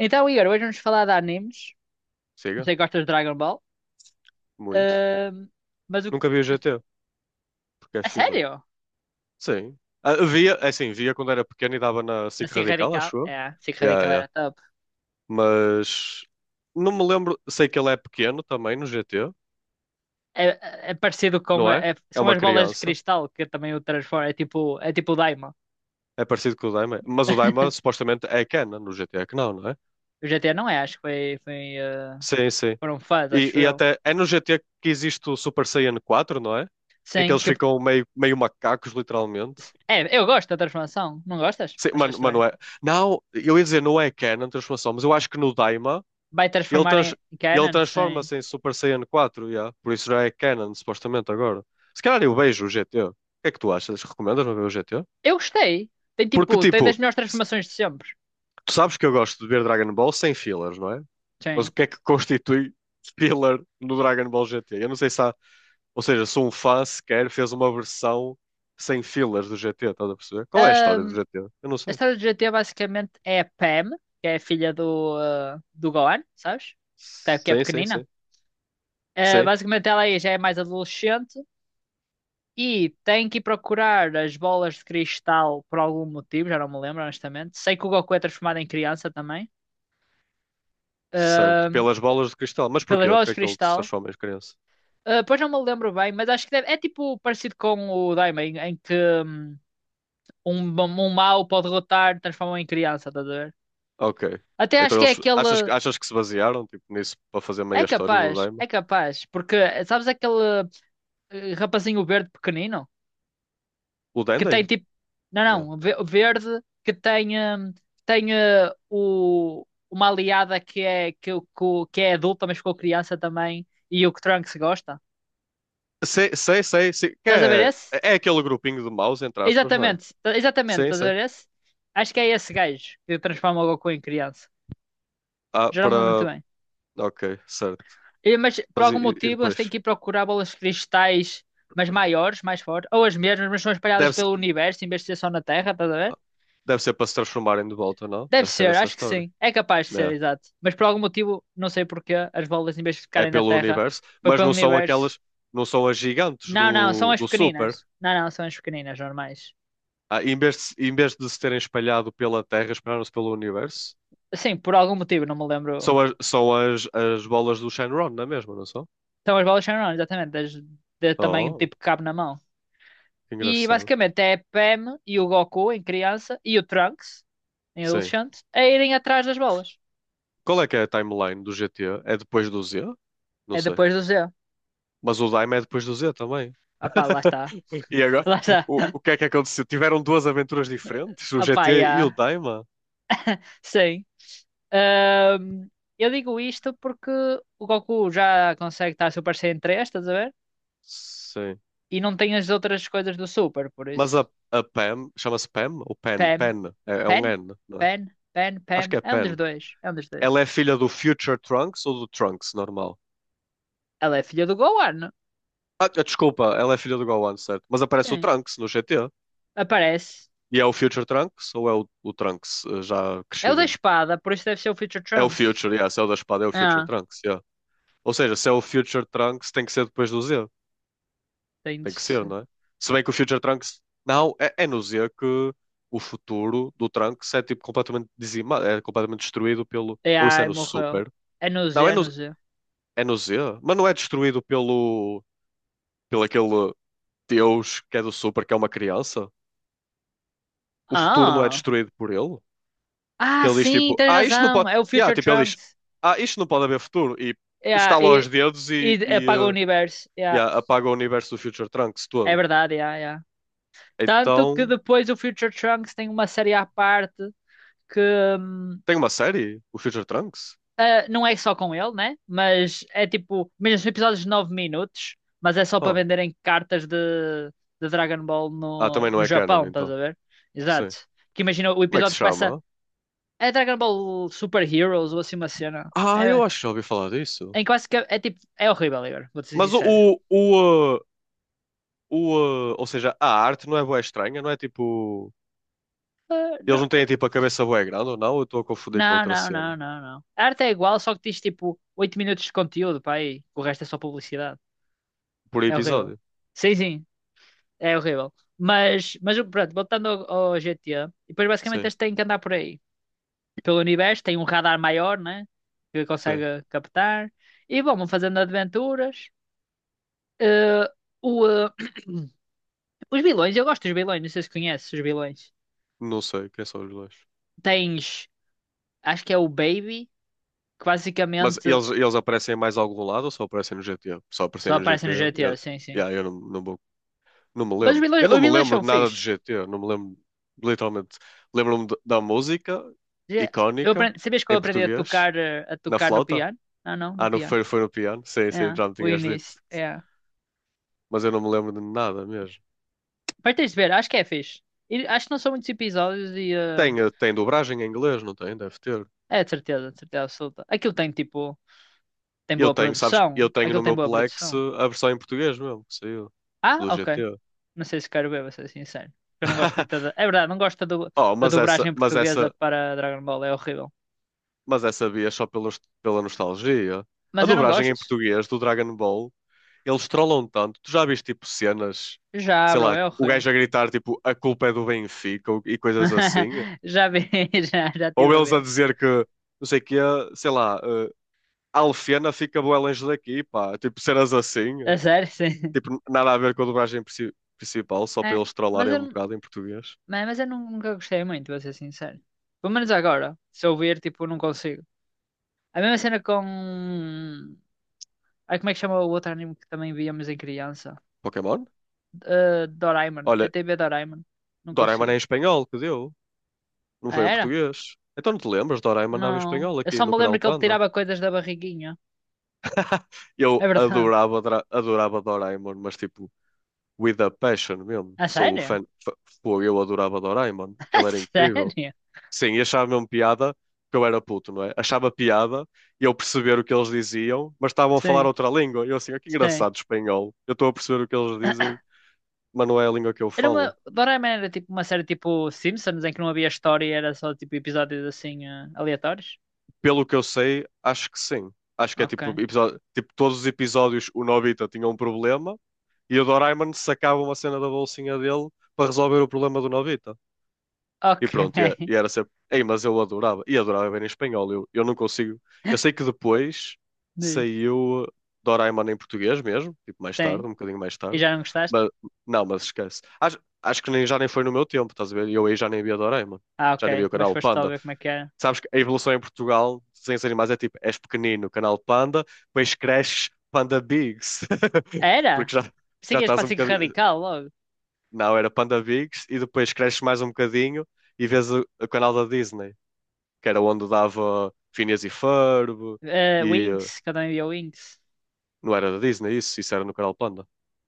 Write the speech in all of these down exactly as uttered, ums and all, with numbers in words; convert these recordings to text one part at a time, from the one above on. Então, Igor, hoje vamos falar de animes. Não Siga, sei que gostas de Dragon Ball. muito. Ahm, mas o. Nunca vi o G T, porque é A filler. sério? Sim. Ah, via, é assim, via quando era pequeno e dava na Na SIC Cinco Radical, Radical? acho eu. É, Cinco Yeah, Radical yeah. era top. Mas não me lembro. Sei que ele é pequeno também no G T, É, é- é parecido com. não a- é? é- É São uma as bolas de criança. cristal que também o transforma. É tipo, é tipo o Daima. É parecido com o Daima. Mas o Daima supostamente é Kena no G T, é que não, não é? O G T A não é, acho que foi, foi, eh, Sim, sim. foram fãs, E, acho e eu. até é no G T que existe o Super Saiyan Quatro, não é? Em que Sim, eles que, ficam meio, meio macacos, literalmente. é, eu gosto da transformação. Não gostas? Sim, Achas mano, estranho? mano, é. Não, eu ia dizer, não é Kena a transformação, mas eu acho que no Daima Vai ele, transformar trans- em ele Canon? Sim. transforma-se em Super Saiyan quatro, yeah. Por isso já é canon, supostamente, agora. Se calhar eu vejo o G T. O que é que tu achas? Recomendas-me ver o G T? Eu gostei. Tem Porque, tipo, tem tipo, das melhores se- transformações de sempre. tu sabes que eu gosto de ver Dragon Ball sem fillers, não é? Mas Sim. o que é que constitui filler no Dragon Ball G T? Eu não sei se há... Ou seja, se um fã sequer fez uma versão sem fillers do G T, estás a perceber? Qual é a história do G T? Eu não A sei. história do G T A basicamente é a Pam, que é a filha do, eh, do Gohan, sabes? Tá- Que é Sim, sim, pequenina. sim. Eh, Sim, Basicamente ela aí já é mais adolescente e tem que ir procurar as bolas de cristal por algum motivo, já não me lembro honestamente. Sei que o Goku é transformado em criança também. certo. Ahm, Pelas bolas de cristal. Mas Pelas porquê? bolas Porque de é que ele se cristal. transforma em criança? Ah, pois não me lembro bem, mas acho que deve- é tipo parecido com o Daima, em, em que hum, um, um mau pode derrotar, transforma em criança, estás a ver? Ok. Até acho Então que é eles achas, aquele. que- achas que se basearam tipo, nisso para fazer É meia história do capaz, Daima? é capaz, porque sabes aquele eh, rapazinho verde pequenino O que tem Dende? tipo, não, Não. não, ve- verde que tem hum, tem eh, o uma aliada que é que, o- que, o- que é adulta, mas ficou criança também e o que Trunks gosta. Sei, sei, sei, sei. Que Estás a ver é, esse? é aquele grupinho de maus, entre aspas, não é? Exatamente, tá- exatamente, Sim, estás a sim. ver esse? Acho que é esse gajo que transforma o Goku em criança. Ah, Já não me lembro muito para. bem. Ok, certo. E- Mas por Mas e, algum e- e motivo eles têm depois? que ir procurar bolas de cristais, mas maiores, mais fortes, ou as mesmas, mas são espalhadas Deve, se- pelo universo em vez de ser só na Terra, estás a ver? deve ser para se transformarem de volta, não? Deve Deve ser ser, essa a acho que história. sim. É capaz de ser, exato. Mas por algum motivo, não sei porquê, as bolas em vez de É, é ficarem na pelo Terra, universo, foi mas pelo não são universo. aquelas, não são as gigantes Não, não, são do, as do Super. pequeninas. Não, não, são as pequeninas, normais. Ah, em vez de, se- em vez de se terem espalhado pela Terra, espalharam-se pelo universo. Sim, por algum motivo, não me lembro. São as, são as, as bolas do Shenron, não é mesmo, não são? São as bolas são enormes, exatamente, das, de tamanho Oh, tipo que cabe na mão. que E engraçado. basicamente é a Pam e o Goku em criança e o Trunks em Sim. adolescente a irem atrás das bolas. Qual é que é a timeline do G T A? É depois do Z? Não É sei. depois do Z. Mas o Dime é depois do Z também. Opá, lá está. E agora, Lá está. o, o que é que aconteceu? Tiveram duas aventuras diferentes, o Opá, G T e o já. Daima? Sim. Ahm, eu digo isto porque o Goku já consegue estar Super Saiyan três, estás a ver? Sim. E não tem as outras coisas do Super, por Mas isso. a, a Pam, chama-se Pam? Ou Pen? Pam. Pen. É, é um Pen? N, não é? Pen? Pen? Acho que Pam. é É um dos Pen. dois. É um dos dois. Ela é filha do Future Trunks ou do Trunks normal? Ela é filha do Gohan. Ah, desculpa, ela é filha do Gohan, certo? Mas aparece o Sim. Trunks no G T. Aparece. E é o Future Trunks ou é o, o Trunks eh, já É o da crescidinho? espada, por isso deve ser o Future É o Trunks. Future, yeah, se é o da espada, é o Future É, Trunks, yeah. Ou seja, se é o Future Trunks, tem que ser depois do Z. tem de Tem que ser, ser. não é? Se bem que o Future Trunks. Não, é, é no Z que o futuro do Trunks é tipo completamente dizimado, é completamente destruído pelo. É, Ou isso é ai, no morreu. Super? É no Z, Não, é é no, no Z. é no Z, mas não é destruído pelo. pelo aquele Deus que é do Super, que é uma criança? O futuro não é Ah, destruído por ele? Que ah, ele diz sim, tipo, tens ah, isto não razão. pode. É o Yeah, Future tipo, ele diz, Trunks. ah, isto não pode haver futuro. E É, estala os e, dedos e e, e apaga o eh, universo. É, yeah, apaga o universo do Future Trunks é todo. verdade, é, é. Tanto que Então, depois o Future Trunks tem uma série à parte que hum, tem uma série? O Future Trunks? ah, não é só com ele, né? Mas é tipo, mesmo são episódios de nove minutos, mas é só para Oh. venderem cartas de, de Dragon Ball Ah, no, também não no é canon, Japão, estás então. a ver? Sim. Exato. Que imagina, o Como é que se episódio começa chama? É Dragon Ball Super Heroes ou assim uma cena. Ah, eu É, acho que já ouvi falar disso. em que basicamente é tipo. É horrível, Igor, vou-te ser Mas o, sincero. o, o, eh, o, eh, ou seja, a arte não é bué estranha, não é tipo. Ah, Eles não, não têm tipo a cabeça bué grande ou não? Eu estou a confundir com não, outra não, cena. não, não, não. A arte é igual, só que tens tipo oito minutos de conteúdo, pá, aí. O resto é só publicidade. Por É horrível. episódio. Sim, sim, é horrível. Mas, mas pronto, voltando ao, ao G T A, e depois basicamente Sim, eles têm que andar por aí. Pelo universo, tem um radar maior, né? Que sim. consegue captar. E bom, vão fazendo aventuras. Eh, o, eh, Os vilões, eu gosto dos vilões, não sei se conheces os vilões. Não sei quem são os dois. Tens, acho que é o Baby, que Mas basicamente eles, eles aparecem em mais algum lado ou só aparecem no G T? Só só aparecem no aparece G T. no G Eu, GTA, sim, sim. Yeah, eu não, não, vou- não me Mas os lembro. vilões, Eu não os me vilões lembro são de nada de fixe. G T. Não me lembro, literalmente. Lembro-me de- da música Já- Eu icónica aprendi, sabias que eu em aprendi a português, tocar, eh, a na tocar no flauta. piano? Ah, não, no Ah, no, piano. foi, foi no piano. Sim, sim, É, já me o tinhas dito. início, é. Mas eu não me lembro de nada mesmo. Mas tens de ver, acho que é fixe. E acho que não são muitos episódios e... eh, Tem, eh, tem dobragem em inglês, não tem? Deve ter. É, de certeza, de certeza absoluta. Aquilo tem, tipo, tem, Eu boa tenho, sabes? produção. Eu tenho Aquilo no tem meu boa Plex eh, produção. a versão em português mesmo, que saiu Ah, do ok. G T. Não sei se quero ver, vou ser sincero. Porque eu não gosto muito da. É verdade, não gosto da, du- Oh, da mas essa, dublagem mas portuguesa essa, para Dragon Ball, é horrível. Mas essa via é só pelos, pela nostalgia. A Mas eu não dublagem em gosto. português do Dragon Ball, eles trollam tanto. Tu já viste tipo cenas, Já, sei bro, lá, é o horrível. gajo a gritar tipo a culpa é do Benfica ou- e coisas assim? Já vi, já, já Ou estive a eles a ver. dizer que, não sei o quê, sei lá, eh, a Alfena fica bué longe daqui, pá. Tipo cenas assim. A sério, sim. Tipo, nada a ver com a dublagem princi- principal, só para É, eles mas trollarem eu, um não- bocado em português. é, mas eu nun- nunca gostei muito, vou ser sincero. Pelo menos agora, se eu ver, tipo, não consigo. A mesma cena com. Ai, como é que chama o outro anime que também víamos em criança? Pokémon? Eh, Doraemon. Olha, D T V Doraemon. Não Doraemon é em consegui. espanhol que deu, não Ah, foi em era? português. Então não te lembras, Doraemon andava em Não. espanhol Eu aqui só no me lembro canal que ele Panda. tirava coisas da barriguinha. É Eu verdade. adorava, Dra- adorava Doraemon, mas tipo, with a passion mesmo. A Sou o sério? fã, fã- Pô, eu adorava Doraemon, A aquilo era incrível. sério? Sim, e achava mesmo piada, porque eu era puto, não é? Achava piada e eu perceber o que eles diziam, mas estavam a falar Sim, outra língua. E eu assim, "Ah, que sim. engraçado espanhol. Eu estou a perceber o que eles dizem, mas não é a língua que eu Era falo." uma. Doraemon era tipo uma série tipo Simpsons em que não havia história e era só tipo episódios assim eh, aleatórios? Pelo que eu sei, acho que sim. Acho que é Ok. tipo, episódio, tipo todos os episódios o Nobita tinha um problema e o Doraemon sacava uma cena da bolsinha dele para resolver o problema do Nobita. E Ok. pronto, e, é- e era sempre. Ei, mas eu adorava. E adorava ver em espanhol. Eu, eu não consigo. Eu sei que depois Diz. saiu Doraemon em português mesmo, tipo mais tarde, Sim. um bocadinho mais E tarde. já não gostaste? Mas não, mas esquece. Acho, acho que nem, já nem foi no meu tempo, estás a ver? Eu aí já nem via Doraemon. Ah, ok. Já nem via o Mas canal foste só Panda. ver como é que era. Sabes que a evolução em Portugal, desenhos animais, é tipo: és pequenino, canal Panda, depois cresces, Panda Bigs. Era? Porque já, Pensei já que ias estás para um a bocadinho. Radical logo. Não, era PandaVigs e depois cresces mais um bocadinho e vês o, o canal da Disney, que era onde dava Phineas e Ferb Eh, e eh, Winx, que eu também via Winx. não era da Disney isso, isso era no canal Panda.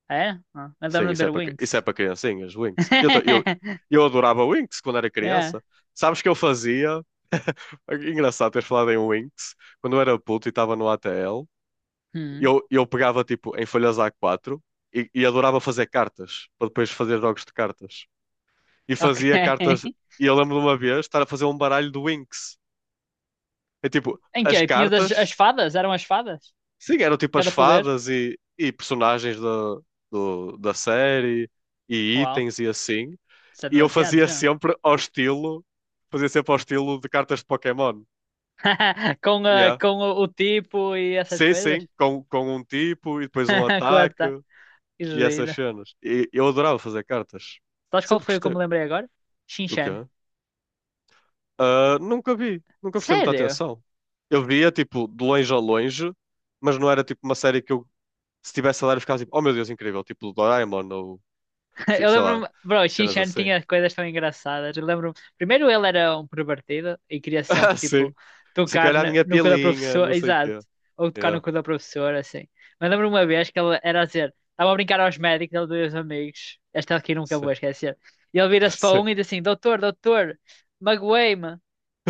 Ah, é? Ah, eu Sim, lembro de isso é ver para cri- isso é Winx. para criancinhas, Winx. Eu, ta- eu, eu adorava Winx quando era Yeah. criança. Sabes que eu fazia? Engraçado teres falado em Winx. Quando eu era puto e estava no A T L, Hum, eu, eu pegava tipo em folhas A quatro e, e adorava fazer cartas, para depois fazer jogos de cartas. E ok. fazia cartas. E eu lembro de uma vez estar a fazer um baralho do Winx. É tipo, Em que as é? Tinhas as, as cartas, fadas? Eram as fadas? sim, eram tipo as Cada poder? fadas e, e personagens da, do- da série e Uau, itens e assim. isso é E eu demasiado fazia já. sempre ao estilo, fazia sempre ao estilo de cartas de Pokémon. Com, ah, Yeah. com o, o tipo e essas Sim, coisas? sim, com, com um tipo e depois um ataque Quanta, que e essas giro. cenas. E eu adorava fazer cartas. Sabes qual Sempre foi o que eu gostei. me lembrei agora? O Shinchan. quê? Ah, nunca vi, nunca prestei muita Sério? atenção. Eu via, tipo, de longe a longe, mas não era, tipo, uma série que eu, se estivesse a dar, eu ficava tipo, oh meu Deus, incrível, tipo, Doraemon ou, fi- Eu sei lá, lembro-me, bro, o Shin cenas Chan assim. tinha coisas tão engraçadas. Eu lembro, primeiro ele era um pervertido e queria sempre Ah, sim. tipo Não sei que tocar olha a no, minha no cu da pilinha, não professora, sei o exato, quê. ou tocar no Yeah, cu da professora, assim. Mas lembro uma vez que ele era a dizer, estava a brincar aos médicos, ele dois amigos, esta aqui nunca vou sim, esquecer. E ele vira-se para sim. um e diz assim: Doutor, doutor, magoei-me.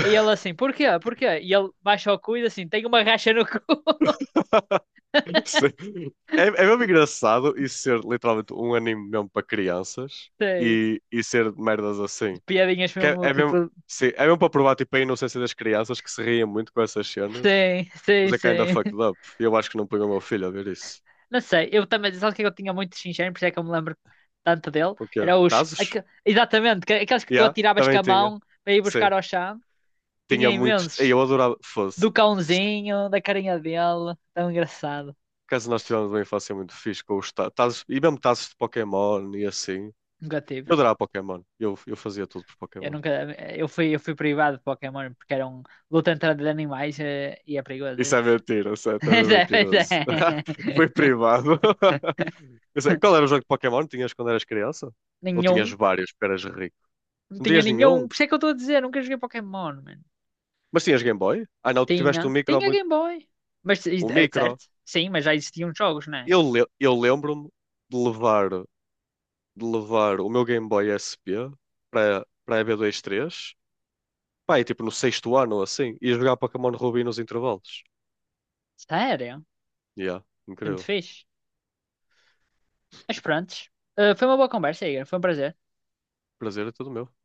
E ele assim: Porquê? Porquê? E ele baixa o cu e diz assim: Tenho uma racha no cu. Sim. É, é mesmo engraçado isso ser literalmente um anime mesmo para crianças Sim, e, e ser merdas assim. piadinhas Que é, mesmo, é mesmo, tipo, sim, é mesmo para provar tipo, a inocência das crianças que se riem muito com essas cenas. sim, sim, Mas é kinda sim. fucked up. E Eu acho que não ponho o meu filho a ver isso. Não sei, eu também, sabe o que é que eu tinha muito de Shin Chan, por isso é que eu me lembro tanto dele? O quê? Era os, Tazos? aque- exatamente, que- aqueles que tu Yeah, atiravas com também a tinha. mão para ir Sim, buscar ao chão. Tinha tinha muitos. Ei, imensos. Eu adorava. Fosse. Do Isto- cãozinho, da carinha dele, tão engraçado. Caso nós tivemos uma infância muito fixe com os ta- tazos. E mesmo tazos de Pokémon e assim. Nunca tive. Eu adorava Pokémon. Eu, eu fazia tudo por Eu Pokémon. nunca, eu fui, eu fui privado de Pokémon porque era um luta entre animais eh, e é perigoso Isso é isso. mentira, sério, estás a Pois é, pois é. mentiroso. Foi privado. Eu sei, Qual era o jogo de Pokémon que tinhas quando eras criança? Ou tinhas Nenhum. vários, porque eras rico? Não Não tinha tinhas nenhum. nenhum? Por isso é que eu estou a dizer, nunca joguei Pokémon, mano. Mas tinhas Game Boy? Ah, não, tu tiveste um Tinha. micro Tinha muito. Game Boy. Mas, is- O é micro. certo? Sim, mas já existiam jogos, não é? Eu, le- eu lembro-me de levar, de levar o meu Game Boy S P para para a E B dois três, pá, e tipo no sexto ano ou assim, e jogar Pokémon Ruby nos intervalos. Sério? Yeah, Foi muito incrível. fixe. Mas pronto. foi uma boa conversa, Igor. Foi um prazer. Prazer é todo meu.